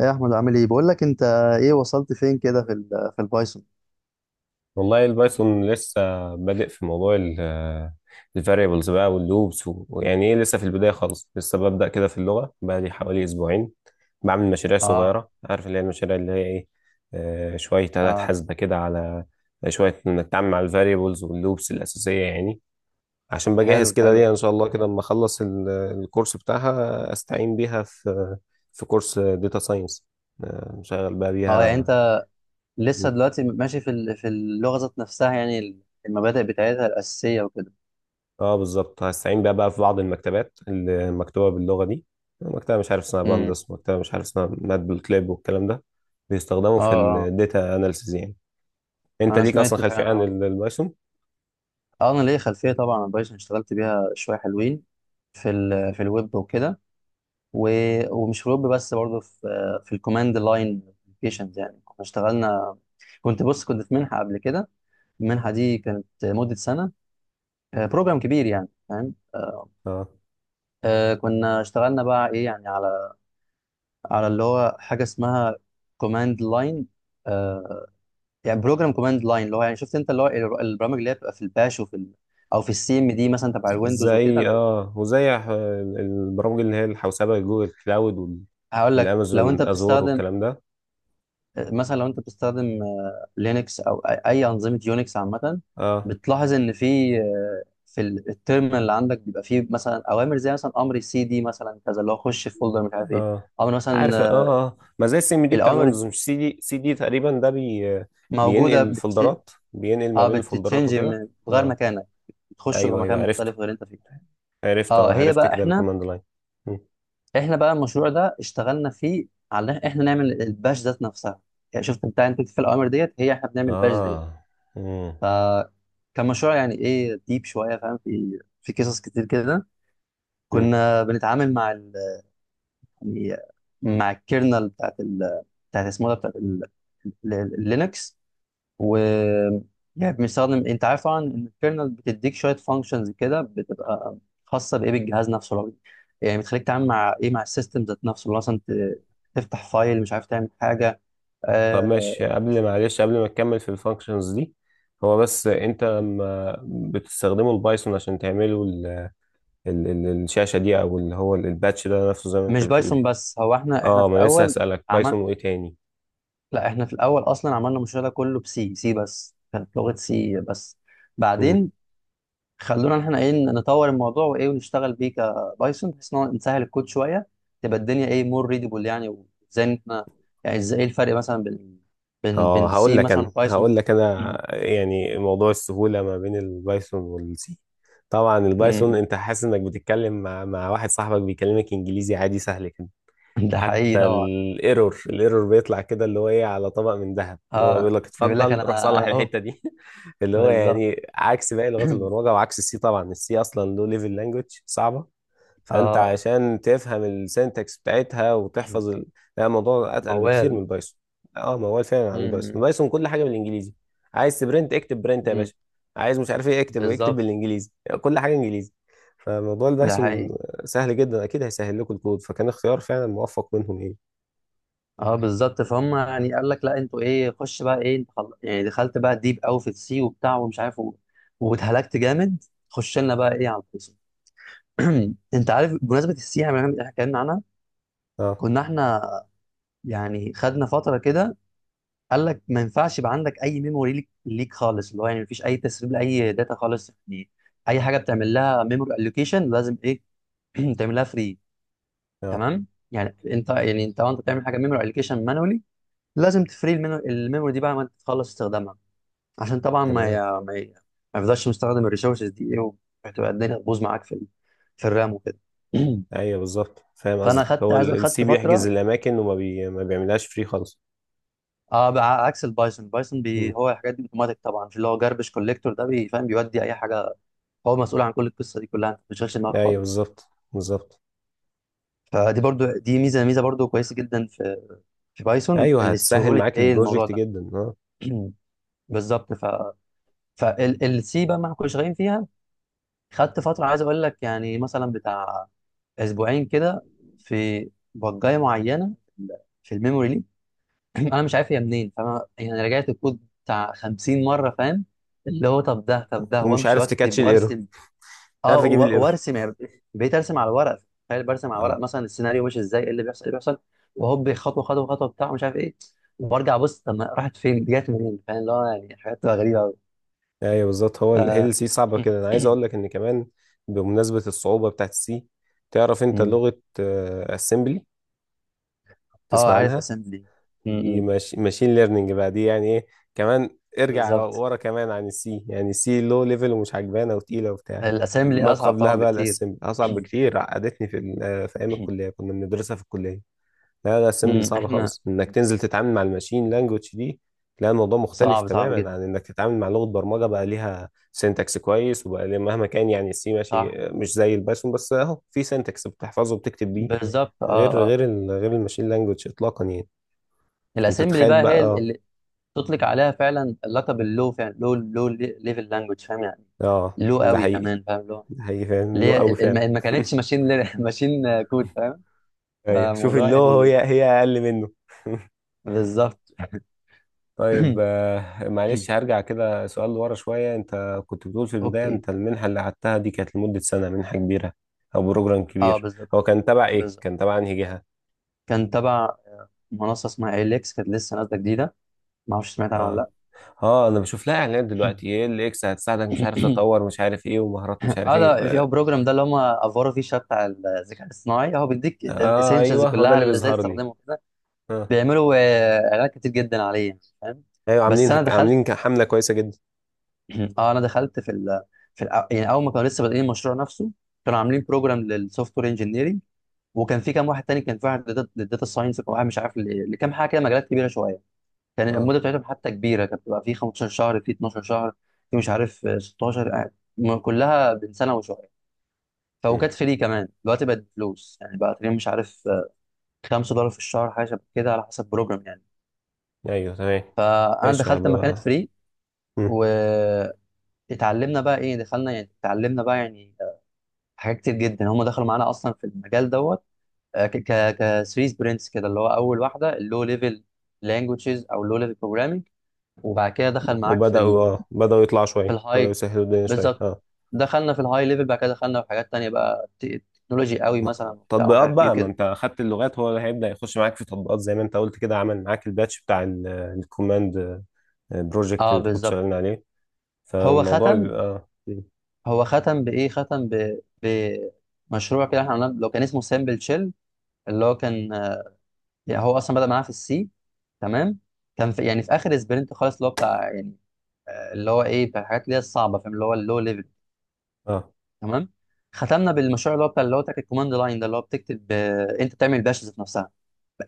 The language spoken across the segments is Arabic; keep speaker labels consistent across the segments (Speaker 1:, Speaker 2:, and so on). Speaker 1: ايه يا احمد عامل ايه؟ بقول لك انت، ايه وصلت فين كده في ال في البايثون
Speaker 2: والله البايثون لسه بادئ في موضوع الفاريبلز بقى واللوبس، ويعني ايه لسه في البداية خالص. لسه ببدأ كده في اللغة بقالي حوالي أسبوعين. بعمل مشاريع
Speaker 1: اه،
Speaker 2: صغيرة، عارف اللي هي المشاريع اللي هي ايه؟ شوية آلات
Speaker 1: اه،
Speaker 2: حاسبة كده، على شوية نتعامل مع الفاريبلز واللوبس الأساسية يعني. عشان
Speaker 1: حلو
Speaker 2: بجهز كده
Speaker 1: حلو.
Speaker 2: ليها إن شاء الله كده لما أخلص الكورس بتاعها، أستعين بيها في كورس داتا ساينس، شغال بقى
Speaker 1: اه، يعني
Speaker 2: بيها.
Speaker 1: انت لسه دلوقتي ماشي في اللغه ذات نفسها يعني المبادئ بتاعتها الاساسيه وكده؟
Speaker 2: اه بالظبط، هستعين بيها بقى في بعض المكتبات اللي مكتوبه باللغه دي. مكتبه مش عارف اسمها
Speaker 1: امم
Speaker 2: باندس، مكتبه مش عارف اسمها مات بالكليب والكلام ده، بيستخدموا
Speaker 1: اه،
Speaker 2: في
Speaker 1: اه،
Speaker 2: الداتا اناليسيز يعني. انت
Speaker 1: انا
Speaker 2: ليك اصلا
Speaker 1: سمعت فعلا.
Speaker 2: خلفيه عن
Speaker 1: اه،
Speaker 2: البايثون؟
Speaker 1: اه، انا ليا خلفيه طبعا عن بايثون، اشتغلت بيها شويه حلوين في ال في الويب وكده، و- ومش في الويب بس، برضه في في الكوماند لاين ابلكيشنز. يعني كنا اشتغلنا، كنت بص كنت في منحه قبل كده. المنحه دي كانت مده سنه. بروجرام كبير يعني، فاهم؟
Speaker 2: اه،
Speaker 1: كنا اشتغلنا بقى ايه يعني، على اللي هو حاجه اسمها كوماند لاين. يعني بروجرام كوماند لاين، اللي هو يعني شفت انت اللي هو البرامج اللي هي بتبقى في الباش وفي ال... او في السي ام دي مثلا تبع الويندوز وكده.
Speaker 2: زي
Speaker 1: لو
Speaker 2: وزي البرامج اللي هي الحوسبه، جوجل كلاود
Speaker 1: هقول لك لو انت
Speaker 2: والامازون ازور
Speaker 1: بتستخدم،
Speaker 2: والكلام ده.
Speaker 1: مثلا لو انت بتستخدم، لينكس او اي أي انظمه يونكس عامه،
Speaker 2: اه
Speaker 1: بتلاحظ ان في في التيرمينال اللي عندك بيبقى فيه مثلا اوامر، زي مثلا امر سي دي مثلا كذا، اللي هو خش في فولدر مش عارف ايه.
Speaker 2: اه،
Speaker 1: امر مثلا
Speaker 2: عارف اه. اه، ما زي السي ام دي بتاع
Speaker 1: الاوامر
Speaker 2: الويندوز، مش سي دي، سي دي تقريبا ده بي. بينقل
Speaker 1: موجوده بتشي...
Speaker 2: الفولدرات، بينقل ما
Speaker 1: اه
Speaker 2: بين الفولدرات
Speaker 1: بتتشنج
Speaker 2: وكده.
Speaker 1: من غير
Speaker 2: اه،
Speaker 1: مكانك، بتخش جوه
Speaker 2: ايوه ايوه،
Speaker 1: مكان
Speaker 2: عرفته.
Speaker 1: مختلف غير انت فيه. اه، هي
Speaker 2: عرفت
Speaker 1: بقى
Speaker 2: كده
Speaker 1: احنا،
Speaker 2: الكوماند لاين. مم.
Speaker 1: احنا بقى المشروع ده اشتغلنا فيه على إن احنا نعمل الباش ذات نفسها. يعني شفت بتاع انت في الاوامر ديت، هي احنا بنعمل باش ديت.
Speaker 2: اه. مم.
Speaker 1: ف كان مشروع يعني ايه، ديب شويه فاهم، في قصص كتير كده.
Speaker 2: مم.
Speaker 1: كنا بنتعامل مع ال... يعني مع الكيرنل بتاعت ال... بتاعت اسمه ده بتاعت اللينكس. و يعني بنستخدم، انت عارف طبعا ان الكيرنل بتديك شويه فانكشنز كده، بتبقى خاصه بايه، بالجهاز نفسه الراجل. يعني بتخليك تعمل مع ايه، مع السيستم ذات نفسه، اللي هو مثلا تفتح فايل، مش عارف تعمل حاجه.
Speaker 2: طب ماشي،
Speaker 1: آه.
Speaker 2: قبل، معلش، قبل ما تكمل في الفانكشنز دي، هو بس انت
Speaker 1: مم.
Speaker 2: لما بتستخدموا البايثون عشان تعملوا ال ال ال الشاشة دي، او اللي هو الباتش ده نفسه زي ما انت
Speaker 1: مش
Speaker 2: بتقول.
Speaker 1: بايثون بس، هو احنا،
Speaker 2: اه،
Speaker 1: في
Speaker 2: ما أنا لسه
Speaker 1: الاول
Speaker 2: هسألك
Speaker 1: عمل،
Speaker 2: بايثون وايه تاني.
Speaker 1: لا احنا في الاول اصلا عملنا المشروع ده كله بسي، سي بس، كانت لغه سي بس. بعدين خلونا احنا ايه، نطور الموضوع وايه، ونشتغل بيه كبايثون، بحيث ان هو نسهل الكود شويه، تبقى الدنيا ايه، مور ريدبل يعني. وازاي إن احنا يعني، ازاي إيه الفرق مثلا بين بين
Speaker 2: اه،
Speaker 1: بين
Speaker 2: هقول
Speaker 1: سي
Speaker 2: لك
Speaker 1: مثلا
Speaker 2: انا،
Speaker 1: وبايثون؟ م-
Speaker 2: يعني موضوع السهوله ما بين البايثون والسي. طبعا البايثون
Speaker 1: م-
Speaker 2: انت حاسس انك بتتكلم مع واحد صاحبك بيكلمك انجليزي عادي سهل كده.
Speaker 1: م. ده حقيقي
Speaker 2: حتى
Speaker 1: طبعا.
Speaker 2: الايرور، بيطلع كده اللي هو ايه، على طبق من ذهب، اللي هو
Speaker 1: اه،
Speaker 2: بيقول لك
Speaker 1: بيقول لك
Speaker 2: اتفضل روح
Speaker 1: انا
Speaker 2: صلح
Speaker 1: اهو،
Speaker 2: الحته دي اللي هو
Speaker 1: بالظبط.
Speaker 2: يعني عكس باقي لغات البرمجه، وعكس السي. طبعا السي اصلا لو ليفل لانجوج صعبه. فانت
Speaker 1: اه
Speaker 2: عشان تفهم السنتكس بتاعتها وتحفظ ال... لا، الموضوع اتقل بكتير من
Speaker 1: موال.
Speaker 2: البايثون. اه، ما هو فعلا عن البايثون،
Speaker 1: م-
Speaker 2: البايثون كل حاجه بالانجليزي. عايز تبرنت اكتب برنت يا
Speaker 1: م.
Speaker 2: باشا. عايز مش عارف ايه، اكتب
Speaker 1: بالظبط،
Speaker 2: بالانجليزي، يعني كل حاجه انجليزي. فموضوع
Speaker 1: ده
Speaker 2: البايثون
Speaker 1: حقيقي.
Speaker 2: سهل جدا، اكيد هيسهل لكم الكود، فكان اختيار فعلا موفق منهم ايه.
Speaker 1: اه بالظبط، فهم يعني قال لك لا انتوا ايه، خش بقى ايه انت، خل... يعني دخلت بقى ديب قوي في السي وبتاع ومش عارف و... واتهلكت جامد، خش لنا بقى ايه على القصه. انت عارف، بمناسبه السي، احنا اتكلمنا عنها.
Speaker 2: اه
Speaker 1: كنا احنا يعني خدنا فتره كده، قال لك ما ينفعش يبقى عندك اي ميموري ليك، ليك خالص، اللي هو يعني مفيش اي تسريب لاي داتا خالص يعني. اي حاجه بتعمل لها ميموري الوكيشن لازم ايه تعملها فري.
Speaker 2: اه،
Speaker 1: تمام. يعني انت، يعني انت وانت بتعمل حاجه ميموري الوكيشن مانولي، لازم تفري الميموري دي بعد ما انت تخلص استخدامها. عشان طبعا ما
Speaker 2: تمام.
Speaker 1: ي... ما يفضلش مستخدم الريسورسز دي ايه، وهتبقى الدنيا تبوظ معاك في ال... في الرام وكده.
Speaker 2: ايوه بالظبط، فاهم
Speaker 1: فانا
Speaker 2: قصدك.
Speaker 1: خدت،
Speaker 2: هو
Speaker 1: عايز
Speaker 2: السي
Speaker 1: خدت
Speaker 2: بيحجز
Speaker 1: فتره.
Speaker 2: الاماكن ما بيعملهاش فري خالص.
Speaker 1: اه بع- عكس البايثون، البايثون
Speaker 2: مم.
Speaker 1: بي... هو الحاجات دي اوتوماتيك طبعا، في اللي هو جاربش كوليكتور ده، بيفهم بيودي اي حاجه، هو مسؤول عن كل القصه دي كلها، انت ما بتشغلش دماغك
Speaker 2: ايوه
Speaker 1: خالص.
Speaker 2: بالظبط بالظبط.
Speaker 1: فدي برضو، دي ميزه، ميزه برضو كويسه جدا في في بايثون،
Speaker 2: ايوه
Speaker 1: اللي
Speaker 2: هتسهل
Speaker 1: سهوله
Speaker 2: معاك
Speaker 1: ايه الموضوع
Speaker 2: البروجكت
Speaker 1: ده.
Speaker 2: جدا، اه.
Speaker 1: بالظبط. فالسي بقى ما كناش شغالين فيها، خدت فترة عايز أقول لك يعني مثلا بتاع أسبوعين كده في بجاية معينة في الميموري ليك. أنا مش عارف هي منين، فأنا يعني رجعت الكود بتاع 50 مرة، فاهم؟ اللي هو طب ده، طب ده،
Speaker 2: ومش
Speaker 1: وأمشي
Speaker 2: عارف
Speaker 1: وأكتب
Speaker 2: تكاتش الايرور،
Speaker 1: وأرسم.
Speaker 2: مش
Speaker 1: أه،
Speaker 2: عارف اجيب
Speaker 1: و-
Speaker 2: الايرور.
Speaker 1: وأرسم يعني. بقيت أرسم على ورق، تخيل، برسم على ورق
Speaker 2: اه،
Speaker 1: مثلا السيناريو ماشي إزاي، إيه اللي بيحصل إيه اللي بيحصل. وهوب، خطوة خطوة خطوة بتاع مش عارف إيه. وبرجع أبص طب ما راحت فين دي، جت منين، فاهم؟ اللي هو يعني حاجات بتبقى غريبة أوي.
Speaker 2: ايوه بالظبط. هو
Speaker 1: ف
Speaker 2: هي السي صعبه كده، انا عايز اقول لك ان كمان، بمناسبه الصعوبه بتاعت السي، تعرف انت لغه اسمبلي؟
Speaker 1: أه،
Speaker 2: تسمع
Speaker 1: عارف
Speaker 2: عنها
Speaker 1: أسامبلي،
Speaker 2: دي؟ ماشين ليرنينج بقى دي يعني ايه. كمان ارجع
Speaker 1: بالظبط.
Speaker 2: ورا، كمان عن السي، يعني السي لو ليفل ومش عجبانه وتقيله وبتاع.
Speaker 1: الاسامي اللي
Speaker 2: ما
Speaker 1: اصعب طبعا
Speaker 2: قبلها بقى
Speaker 1: بكتير.
Speaker 2: الاسمبلي اصعب بكتير، عقدتني في في ايام الكليه، كنا بندرسها في الكليه. لا لا، الاسمبلي
Speaker 1: أمم،
Speaker 2: صعب
Speaker 1: احنا،
Speaker 2: خالص انك تنزل تتعامل مع الماشين لانجوج دي. لا الموضوع مختلف
Speaker 1: صعب صعب
Speaker 2: تماما
Speaker 1: جدا.
Speaker 2: عن انك تتعامل مع لغه برمجه بقى ليها سينتاكس كويس، وبقى ليها مهما كان يعني، السي ماشي
Speaker 1: صح،
Speaker 2: مش زي البايثون، بس اهو في سينتاكس بتحفظه وبتكتب بيه.
Speaker 1: بالظبط، اه
Speaker 2: غير
Speaker 1: اه.
Speaker 2: غير الماشين لانجوج اطلاقا يعني. فانت
Speaker 1: الاسامبلي
Speaker 2: تخيل
Speaker 1: بقى هي
Speaker 2: بقى.
Speaker 1: اللي تطلق عليها فعلا اللقب اللو، فعلا لو ليفل لانجوج، فاهم يعني؟
Speaker 2: اه
Speaker 1: لو
Speaker 2: ده
Speaker 1: قوي
Speaker 2: حقيقي،
Speaker 1: كمان، فاهم؟ لو
Speaker 2: ده حقيقي فعلا،
Speaker 1: اللي
Speaker 2: له
Speaker 1: هي
Speaker 2: قوي فعلا.
Speaker 1: ما كانتش ماشين ماشين كود، فاهم؟
Speaker 2: ايوه شوف،
Speaker 1: فالموضوع
Speaker 2: اللو
Speaker 1: يعني،
Speaker 2: هي، هي اقل منه.
Speaker 1: بالظبط.
Speaker 2: طيب معلش، هرجع كده سؤال لورا شوية. انت كنت بتقول في البداية
Speaker 1: اوكي.
Speaker 2: انت المنحة اللي قعدتها دي كانت لمدة سنة، منحة كبيرة او بروجرام
Speaker 1: اه،
Speaker 2: كبير.
Speaker 1: بالظبط
Speaker 2: هو كان تبع ايه،
Speaker 1: بالظبط.
Speaker 2: كان تبع انهي جهة؟
Speaker 1: كان تبع منصه اسمها اليكس، كانت لسه نازله جديده، ما اعرفش سمعت عنها
Speaker 2: اه
Speaker 1: ولا.
Speaker 2: اه، انا بشوف لها اعلانات دلوقتي، ايه اللي اكس هتساعدك، مش عارف
Speaker 1: لا.
Speaker 2: تطور، مش عارف ايه، ومهارات مش عارف
Speaker 1: اه،
Speaker 2: ايه.
Speaker 1: ده في، هو البروجرام ده اللي هم افوروا فيه شويه بتاع الذكاء الاصطناعي، هو بيديك
Speaker 2: اه
Speaker 1: الاسينشالز
Speaker 2: ايوه هو ده
Speaker 1: كلها،
Speaker 2: اللي
Speaker 1: اللي ازاي
Speaker 2: بيظهر لي.
Speaker 1: تستخدمه كده.
Speaker 2: اه
Speaker 1: بيعملوا اعلانات كتير جدا عليه يعني، فاهم؟
Speaker 2: ايوه،
Speaker 1: بس انا دخلت.
Speaker 2: عاملين حملة كويسة جدا.
Speaker 1: اه، انا دخلت في ال في يعني اول ما كانوا لسه بادئين المشروع نفسه، كانوا عاملين بروجرام للسوفت وير انجينيرنج، وكان في كام واحد تاني، كان في واحد للداتا ساينس، وكان واحد مش عارف لكام حاجه كده، مجالات كبيره شويه. كان
Speaker 2: اه.
Speaker 1: المده بتاعتهم حتى كبيره، كانت بتبقى في 15 شهر، في 12 شهر، في مش عارف 16 كلها بين سنه وشويه.
Speaker 2: مم.
Speaker 1: فوكات فري كمان، دلوقتي بقت فلوس يعني، بقى تقريبا مش عارف 5 دولار في الشهر، حاجه شبه كده على حسب بروجرام يعني.
Speaker 2: ايوه تمام.
Speaker 1: فانا
Speaker 2: ماشي
Speaker 1: دخلت لما كانت
Speaker 2: هبقى.
Speaker 1: فري،
Speaker 2: مم.
Speaker 1: واتعلمنا بقى ايه، دخلنا يعني اتعلمنا بقى يعني حاجات كتير جدا. هم دخلوا معانا اصلا في المجال دوت، آه، ك ك 3 سبرنتس كده، اللي هو اول واحده اللو ليفل لانجوجز او اللو ليفل بروجرامينج. وبعد كده دخل معاك في
Speaker 2: وبدأوا
Speaker 1: ال
Speaker 2: اه بدأوا يطلعوا
Speaker 1: في
Speaker 2: شوية، بدأوا
Speaker 1: الهاي،
Speaker 2: يسهلوا الدنيا شوية
Speaker 1: بالظبط،
Speaker 2: اه.
Speaker 1: دخلنا في الهاي ليفل. بعد كده دخلنا في حاجات تانية بقى تكنولوجي قوي مثلا وبتاع ومش
Speaker 2: تطبيقات
Speaker 1: عارف ايه
Speaker 2: بقى، ما
Speaker 1: كده.
Speaker 2: انت اخدت اللغات، هو اللي هيبدأ يخش معاك في تطبيقات زي ما انت قلت كده. عمل معاك الباتش بتاع الكوماند، بروجكت اللي
Speaker 1: اه
Speaker 2: انت كنت
Speaker 1: بالظبط.
Speaker 2: شغالين عليه.
Speaker 1: هو
Speaker 2: فالموضوع
Speaker 1: ختم،
Speaker 2: بيبقى
Speaker 1: هو ختم بايه، ختم ب... بمشروع كده احنا عملناه لو كان اسمه سامبل تشيل، اللي هو كان يعني هو اصلا بدأ معانا في السي. تمام. كان في يعني في اخر سبرنت خالص، اللي هو بتاع يعني اللي هو ايه، بتاع الحاجات اللي هي الصعبه فاهم، اللي هو اللو ليفل.
Speaker 2: اه
Speaker 1: تمام. ختمنا بالمشروع اللي هو بتاع، اللي هو بتاع الكوماند لاين ده، اللي هو بتكتب انت بتعمل باش ذات نفسها.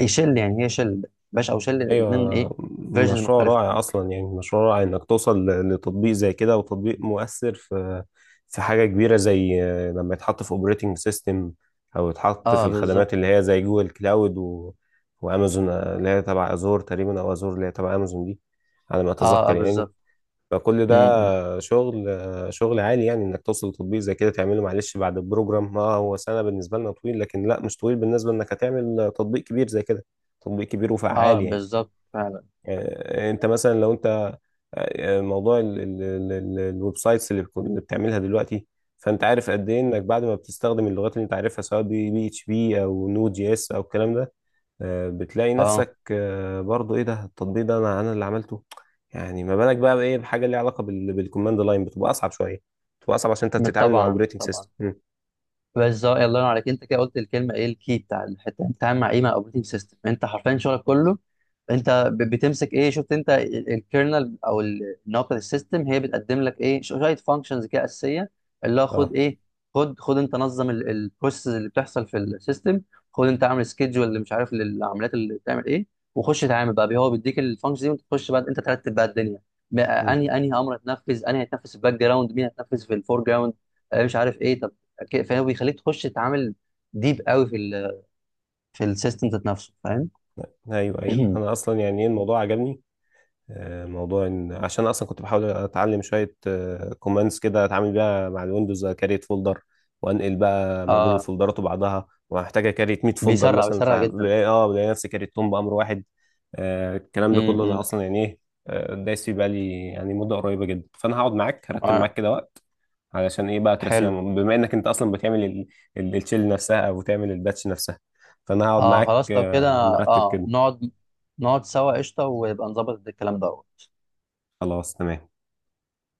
Speaker 1: ايه شيل يعني، هي شيل، باش او شيل، الاثنين ايه
Speaker 2: ايوه،
Speaker 1: فيرجنز
Speaker 2: مشروع
Speaker 1: مختلفه.
Speaker 2: رائع اصلا يعني، مشروع رائع انك توصل لتطبيق زي كده، وتطبيق مؤثر في حاجة كبيرة زي لما يتحط في اوبريتنج سيستم، او يتحط في
Speaker 1: اه بالظبط.
Speaker 2: الخدمات اللي هي زي جوجل كلاود و... وامازون، اللي هي تبع ازور تقريبا، او ازور اللي هي تبع امازون دي، على ما
Speaker 1: اه اه
Speaker 2: اتذكر يعني.
Speaker 1: بالظبط.
Speaker 2: فكل
Speaker 1: م- م.
Speaker 2: ده شغل، عالي يعني. انك توصل لتطبيق زي كده، تعمله معلش بعد البروجرام، اه هو سنة بالنسبة لنا طويل، لكن لا مش طويل بالنسبة انك هتعمل تطبيق كبير زي كده، تطبيق كبير وفعال
Speaker 1: اه
Speaker 2: يعني.
Speaker 1: بالظبط فعلا.
Speaker 2: انت مثلا لو انت موضوع الويب سايتس اللي بتعملها دلوقتي. فانت عارف قد ايه انك
Speaker 1: م.
Speaker 2: بعد ما بتستخدم اللغات اللي انت عارفها سواء بي اتش بي او نود جي اس او الكلام ده، بتلاقي
Speaker 1: اه
Speaker 2: نفسك برضو ايه ده التطبيق ده، انا اللي عملته. يعني ما بالك بقى بايه، بحاجه ليها علاقه بالكوماند لاين، بتبقى اصعب شويه، بتبقى اصعب عشان انت بتتعامل مع
Speaker 1: طبعا
Speaker 2: اوبريتنج
Speaker 1: طبعا.
Speaker 2: سيستم.
Speaker 1: بالظبط، الله ينور عليك، انت كده قلت الكلمه ايه، الكي بتاع الحته، انت بتتعامل مع ايه، مع اوبريتنج سيستم، انت حرفيا شغلك كله انت بتمسك ايه، شفت انت، الكيرنل او النقطه السيستم هي بتقدم لك ايه، شويه فانكشنز كده اساسيه، اللي هو
Speaker 2: اه.
Speaker 1: خد ايه، خد انت نظم البروسيس اللي بتحصل في السيستم، خد انت اعمل سكيدجول اللي مش عارف للعمليات اللي بتعمل ايه، وخش اتعامل بقى بيه. هو بيديك الفانكشن دي، وانت تخش بقى انت ترتب بقى الدنيا، بقى
Speaker 2: مم.
Speaker 1: انهي، انهي امر هتنفذ، انهي هتنفذ في الباك جراوند، مين هتنفذ في الفور جراوند، مش عارف ايه. طب فهو بيخليك تخش تتعامل ديب قوي في ال في السيستم ذات نفسه، فاهم؟
Speaker 2: ايوه ايوه، انا اصلا يعني ايه، الموضوع عجبني. موضوع ان عشان اصلا كنت بحاول اتعلم شويه كوماندز كده، اتعامل بيها مع الويندوز، كريت فولدر، وانقل بقى ما بين
Speaker 1: اه،
Speaker 2: الفولدرات وبعضها. وهحتاج اكريت 100 فولدر
Speaker 1: بيسرع،
Speaker 2: مثلا،
Speaker 1: بيسرع جدا.
Speaker 2: فبلاقي اه، بلاقي نفسي كريتهم بامر واحد. الكلام ده كله انا
Speaker 1: امم
Speaker 2: اصلا يعني ايه، دايس فيه بقالي يعني مده قريبه جدا. فانا هقعد معاك، هرتب
Speaker 1: آه.
Speaker 2: معاك كده وقت، علشان ايه بقى،
Speaker 1: حلو.
Speaker 2: ترسيهم، بما انك انت اصلا بتعمل الشيل نفسها، او بتعمل الباتش نفسها. فانا هقعد
Speaker 1: اه
Speaker 2: معاك
Speaker 1: خلاص لو كده،
Speaker 2: نرتب
Speaker 1: اه
Speaker 2: كده.
Speaker 1: نقعد، نقعد سوا قشطه، ويبقى نظبط الكلام ده.
Speaker 2: خلاص تمام.